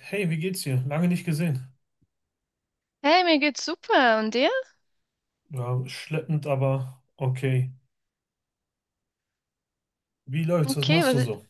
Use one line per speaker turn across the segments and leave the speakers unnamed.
Hey, wie geht's dir? Lange nicht gesehen.
Hey, mir geht's super. Und dir?
Ja, schleppend, aber okay. Wie läuft's? Was
Okay,
machst du
was ist...
so?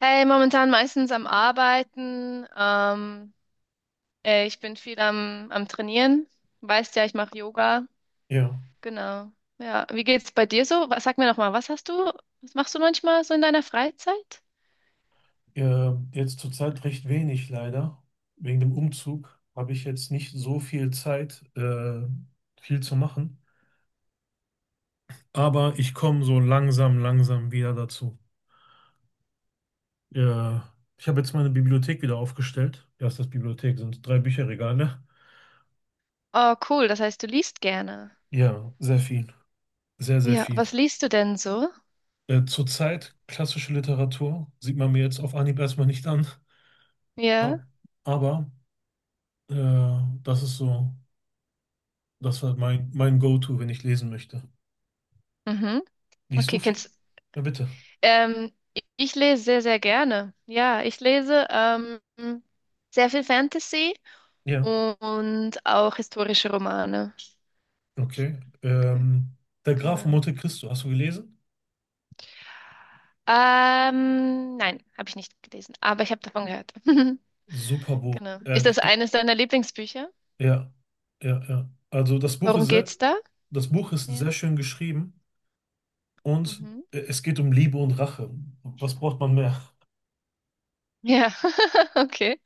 Hey, momentan meistens am Arbeiten. Ich bin viel am Trainieren. Weißt ja, ich mache Yoga.
Ja,
Genau. Ja, wie geht's bei dir so? Was, sag mir noch mal, was hast du, was machst du manchmal so in deiner Freizeit?
Jetzt zurzeit recht wenig leider. Wegen dem Umzug habe ich jetzt nicht so viel Zeit, viel zu machen. Aber ich komme so langsam wieder dazu. Äh, Ich habe jetzt meine Bibliothek wieder aufgestellt. Ja, ist das Bibliothek, sind drei Bücherregale, ne?
Oh, cool. Das heißt, du liest gerne.
Ja, sehr viel. Sehr, sehr
Ja,
viel.
was liest du denn so?
Zurzeit klassische Literatur, sieht man mir jetzt auf Anhieb erstmal nicht an.
Ja.
Ab- Aber äh, das ist so, das war mein Go-To, wenn ich lesen möchte.
Mhm.
Liest du
Okay,
viel?
kennst.
Ja, bitte.
Ähm, ich lese sehr, sehr gerne. Ja, ich lese sehr viel Fantasy
Ja,
und auch historische Romane.
okay.
Ge-
Der Graf von
Genau.
Monte Cristo, hast du gelesen?
Nein, habe ich nicht gelesen, aber ich habe davon gehört.
Super Buch,
Genau. Ist das
ehrlich.
eines deiner Lieblingsbücher?
Ja, ja, ja. Also das Buch ist
Worum
sehr,
geht's da?
das Buch ist
Ja.
sehr schön geschrieben, und
Mhm.
es geht um Liebe und Rache. Was braucht man mehr?
Ja, okay.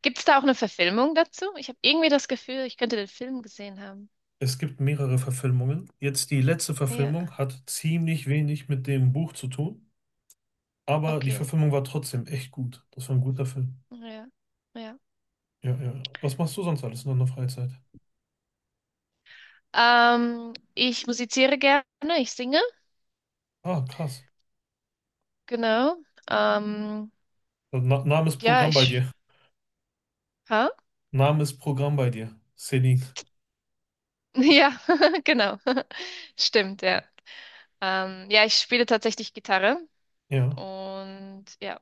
Gibt es da auch eine Verfilmung dazu? Ich habe irgendwie das Gefühl, ich könnte den Film gesehen haben.
Es gibt mehrere Verfilmungen. Jetzt die letzte
Ja,
Verfilmung hat ziemlich wenig mit dem Buch zu tun. Aber die
okay.
Verfilmung war trotzdem echt gut. Das war ein guter Film.
Ja, ja.
Ja, ja, ja. Was machst du sonst alles in deiner Freizeit?
Ich musiziere gerne, ich singe,
Ah, krass.
genau. Ähm,
So, na, Name ist
ja,
Programm bei
ich.
dir.
Hä?
Name ist Programm bei dir. Selin.
Ja, genau. Stimmt, ja. Ja, ich spiele tatsächlich Gitarre
Ja.
und ja.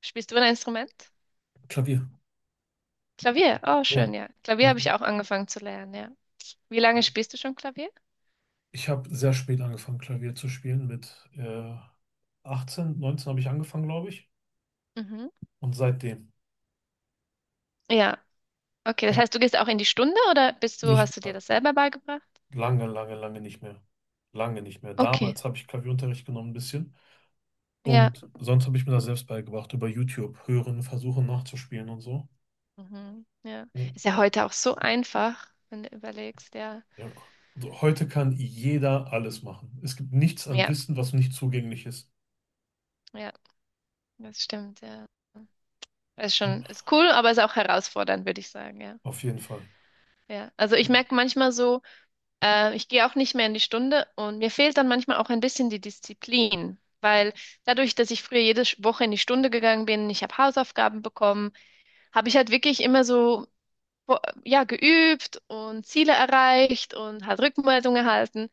Spielst du ein Instrument?
Klavier.
Klavier. Oh,
Ja,
schön, ja. Klavier
ja.
habe ich auch angefangen zu lernen, ja. Wie lange spielst du schon Klavier?
Ich habe sehr spät angefangen, Klavier zu spielen. Mit 18, 19 habe ich angefangen, glaube ich.
Mhm.
Und seitdem.
Ja. Okay, das
Ja.
heißt, du gehst auch in die Stunde oder
Nicht
hast du dir
mal.
das selber beigebracht?
Lange, lange, lange nicht mehr. Lange nicht mehr.
Okay.
Damals habe ich Klavierunterricht genommen, ein bisschen.
Ja.
Und sonst habe ich mir das selbst beigebracht, über YouTube hören, versuchen nachzuspielen und so.
Mhm. Ja. Ist
Ja.
ja heute auch so einfach, wenn du überlegst, ja.
Ja. Also heute kann jeder alles machen. Es gibt nichts an
Ja,
Wissen, was nicht zugänglich ist.
ja, das stimmt, ja. Ist schon,
Ja.
ist cool, aber ist auch herausfordernd, würde ich sagen, ja.
Auf jeden Fall.
Ja, also
Ja.
ich merke manchmal so, ich gehe auch nicht mehr in die Stunde und mir fehlt dann manchmal auch ein bisschen die Disziplin, weil dadurch, dass ich früher jede Woche in die Stunde gegangen bin, ich habe Hausaufgaben bekommen, habe ich halt wirklich immer so bo- ja geübt und Ziele erreicht und halt Rückmeldung erhalten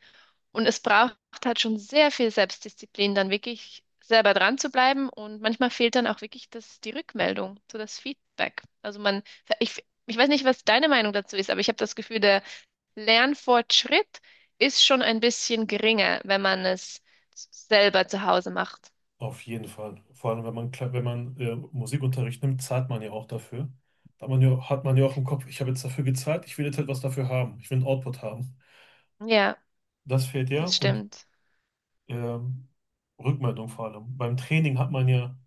und es braucht halt schon sehr viel Selbstdisziplin, dann wirklich selber dran zu bleiben und manchmal fehlt dann auch wirklich das die Rückmeldung, so das Feedback. Also man ich weiß nicht, was deine Meinung dazu ist, aber ich habe das Gefühl, der Lernfortschritt ist schon ein bisschen geringer, wenn man es selber zu Hause macht.
Auf jeden Fall. Vor allem, wenn man, wenn man Musikunterricht nimmt, zahlt man ja auch dafür. Da hat man ja auch im Kopf, ich habe jetzt dafür gezahlt, ich will jetzt etwas dafür haben. Ich will einen Output haben.
Ja,
Das fehlt ja.
das
Und
stimmt.
ähm, Rückmeldung vor allem. Beim Training hat man ja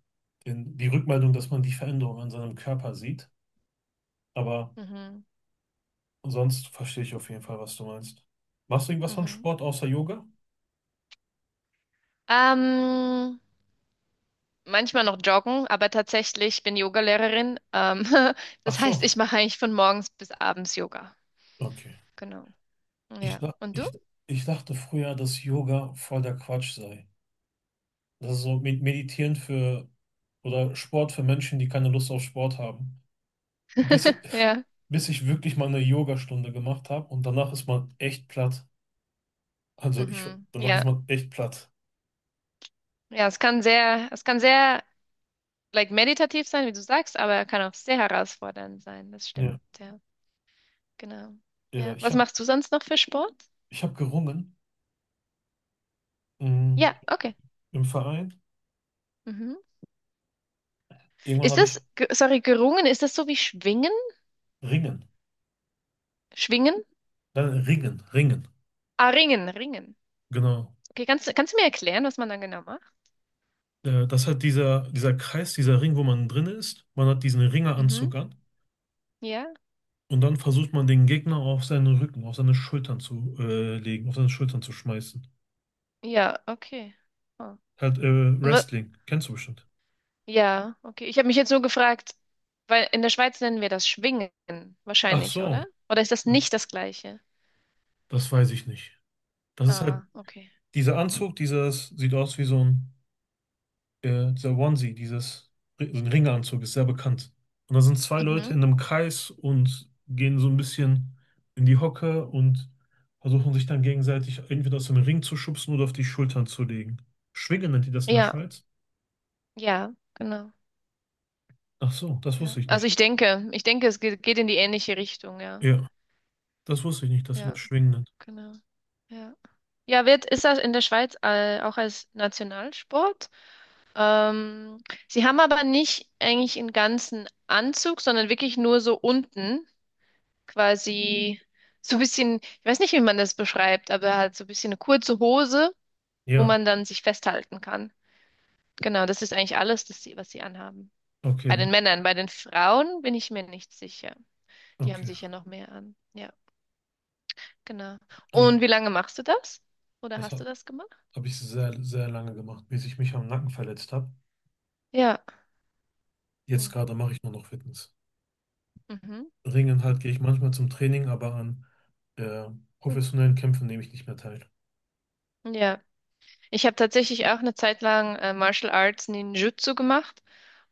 den, die Rückmeldung, dass man die Veränderung an seinem Körper sieht. Aber
Mhm,
sonst verstehe ich auf jeden Fall, was du meinst. Machst du irgendwas von
mhm.
Sport außer Yoga?
Ähm, manchmal noch joggen, aber tatsächlich ich bin Yogalehrerin.
Ach
Das heißt,
so,
ich mache eigentlich von morgens bis abends Yoga.
okay.
Genau.
Ich,
Ja.
dach-
Und du?
ich, Ich dachte früher, dass Yoga voll der Quatsch sei. Das ist so mit Meditieren für oder Sport für Menschen, die keine Lust auf Sport haben. Bis,
Ja.
bis ich wirklich mal eine Yogastunde gemacht habe und danach ist man echt platt. Also ich,
Mhm.
danach ist
Ja.
man echt platt.
Ja, es kann sehr like meditativ sein, wie du sagst, aber kann auch sehr herausfordernd sein. Das
Ja.
stimmt. Ja, genau.
Ja,
Ja.
ich
Was
habe
machst du sonst noch für Sport?
ich hab gerungen, mm,
Ja, okay.
im Verein.
Mhm.
Irgendwann
Ist
habe
das,
ich
sorry, gerungen, ist das so wie schwingen?
Ringen.
Schwingen?
Dann Ringen, Ringen.
Ah, ringen.
Genau.
Okay, kannst du mir erklären, was man dann genau macht?
Das hat dieser Kreis, dieser Ring, wo man drin ist. Man hat diesen
Mhm.
Ringeranzug an.
Ja,
Und dann versucht man den Gegner auf seinen Rücken, auf seine Schultern zu legen, auf seine Schultern zu schmeißen.
ja, okay. Oh.
Halt
Und was,
Wrestling, kennst du bestimmt.
ja, okay. Ich habe mich jetzt so gefragt, weil in der Schweiz nennen wir das Schwingen
Ach
wahrscheinlich, oder?
so,
Oder ist das
ja,
nicht das Gleiche?
das weiß ich nicht. Das ist halt
Ah, okay.
dieser Anzug, dieses sieht aus wie so ein dieser Onesie, dieses, so ein Ringanzug, ist sehr bekannt. Und da sind zwei Leute
Mhm.
in einem Kreis und gehen so ein bisschen in die Hocke und versuchen sich dann gegenseitig entweder aus dem Ring zu schubsen oder auf die Schultern zu legen. Schwingen nennt ihr das in der
Ja,
Schweiz?
ja, genau.
Ach so, das
Ja.
wusste ich
Also
nicht.
ich denke, es geht in die ähnliche Richtung, ja.
Ja, das wusste ich nicht, dass ihr
Ja,
das Schwingen nennt.
genau. Ja. Ja, ist das in der Schweiz auch als Nationalsport. Ähm, sie haben aber nicht eigentlich einen ganzen Anzug, sondern wirklich nur so unten quasi so ein bisschen, ich weiß nicht, wie man das beschreibt, aber halt so ein bisschen eine kurze Hose, wo
Ja,
man dann sich festhalten kann. Genau, das ist eigentlich alles, was sie anhaben. Bei
okay,
den Männern, bei den Frauen bin ich mir nicht sicher. Die haben
okay.
sicher noch mehr an. Ja, genau.
Also,
Und wie lange machst du das? Oder
das
hast du
habe
das gemacht?
hab ich sehr, sehr lange gemacht, bis ich mich am Nacken verletzt habe.
Ja.
Jetzt gerade mache ich nur noch Fitness. Ringen halt gehe ich manchmal zum Training, aber an äh,
Mhm.
professionellen Kämpfen nehme ich nicht mehr teil.
Ja, ich habe tatsächlich auch eine Zeit lang Martial Arts Ninjutsu gemacht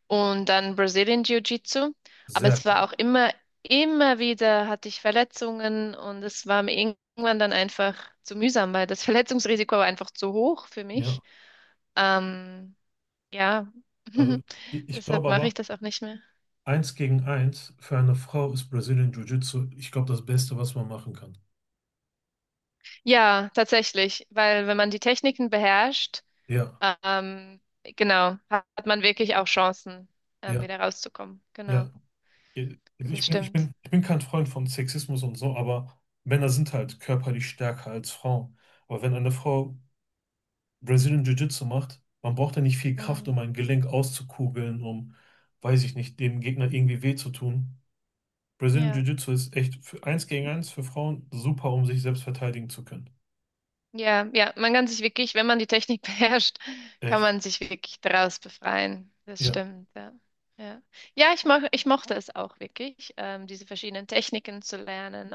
und dann Brazilian Jiu-Jitsu. Aber
Sehr,
es war auch immer, immer wieder hatte ich Verletzungen und es war mir irgendwann dann einfach zu mühsam, weil das Verletzungsrisiko war einfach zu hoch für
ja.
mich. Ähm, ja,
Also ich
deshalb
glaube
mache
aber,
ich das auch nicht mehr.
eins gegen eins für eine Frau ist Brazilian Jiu-Jitsu, ich glaube, das Beste, was man machen kann.
Ja, tatsächlich, weil wenn man die Techniken beherrscht,
Ja,
ähm, genau, hat man wirklich auch Chancen,
ja,
wieder rauszukommen.
ja.
Genau,
Ich
das
bin, ich
stimmt.
bin, ich bin kein Freund von Sexismus und so, aber Männer sind halt körperlich stärker als Frauen. Aber wenn eine Frau Brazilian Jiu-Jitsu macht, man braucht ja nicht viel Kraft,
Mm,
um ein Gelenk auszukugeln, um, weiß ich nicht, dem Gegner irgendwie weh zu tun. Brazilian
ja,
Jiu-Jitsu ist echt für eins gegen eins für Frauen super, um sich selbst verteidigen zu können.
ja, ja. Man kann sich wirklich, wenn man die Technik beherrscht, kann
Echt.
man sich wirklich daraus befreien. Das
Ja,
stimmt, ja. Ja, ja, ich mochte es auch wirklich, diese verschiedenen Techniken zu lernen.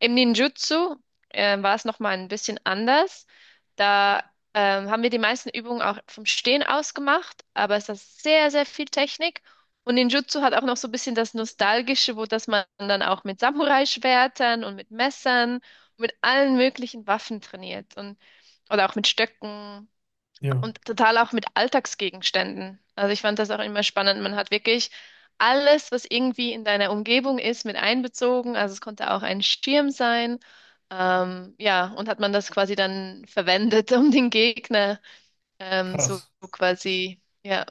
Im Ninjutsu war es nochmal ein bisschen anders. Da haben wir die meisten Übungen auch vom Stehen aus gemacht, aber es ist sehr, sehr viel Technik. Und Ninjutsu hat auch noch so ein bisschen das Nostalgische, wo dass man dann auch mit Samurai-Schwertern und mit Messern und mit allen möglichen Waffen trainiert und oder auch mit Stöcken.
ja,
Und total auch mit Alltagsgegenständen. Also ich fand das auch immer spannend. Man hat wirklich alles, was irgendwie in deiner Umgebung ist, mit einbezogen. Also es konnte auch ein Schirm sein. Ja, und hat man das quasi dann verwendet, um den Gegner so
krass.
quasi, ja.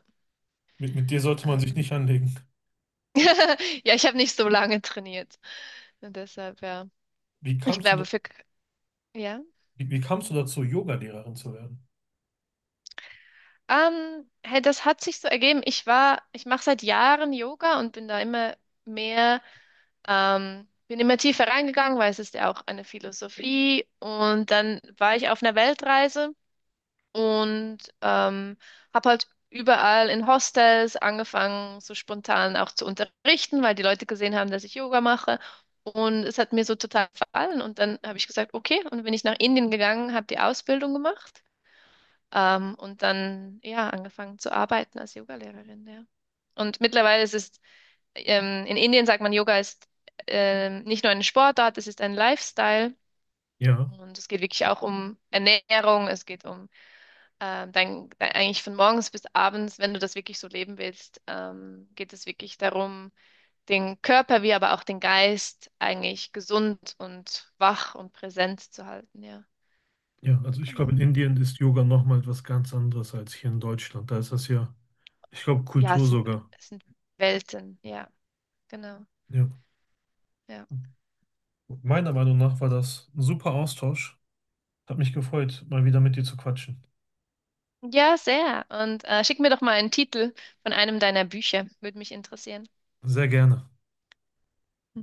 Mit dir sollte man sich nicht
Ähm,
anlegen.
ja, ich habe nicht so lange trainiert. Und deshalb, ja.
Wie
Ich
kamst du, da,
glaube, für, ja.
Wie, wie kamst du dazu, Yoga-Lehrerin zu werden?
Hey, das hat sich so ergeben. Ich war, ich mache seit Jahren Yoga und bin da immer mehr bin immer tiefer reingegangen, weil es ist ja auch eine Philosophie. Und dann war ich auf einer Weltreise und habe halt überall in Hostels angefangen, so spontan auch zu unterrichten, weil die Leute gesehen haben, dass ich Yoga mache. Und es hat mir so total gefallen. Und dann habe ich gesagt, okay, und bin ich nach Indien gegangen, habe die Ausbildung gemacht. Und dann, ja, angefangen zu arbeiten als Yogalehrerin, ja. Und mittlerweile ist es in Indien sagt man, Yoga ist nicht nur eine Sportart, es ist ein Lifestyle.
Ja,
Und es geht wirklich auch um Ernährung, es geht um dein, eigentlich von morgens bis abends, wenn du das wirklich so leben willst, geht es wirklich darum, den Körper wie aber auch den Geist eigentlich gesund und wach und präsent zu halten. Ja,
ja, also ich glaube,
genau.
in Indien ist Yoga nochmal etwas ganz anderes als hier in Deutschland. Da ist das ja, ich glaube,
Ja,
Kultur sogar.
es sind Welten. Ja, genau.
Ja.
Ja,
Meiner Meinung nach war das ein super Austausch. Hat mich gefreut, mal wieder mit dir zu quatschen.
ja, sehr. Und schick mir doch mal einen Titel von einem deiner Bücher, würde mich interessieren.
Sehr gerne.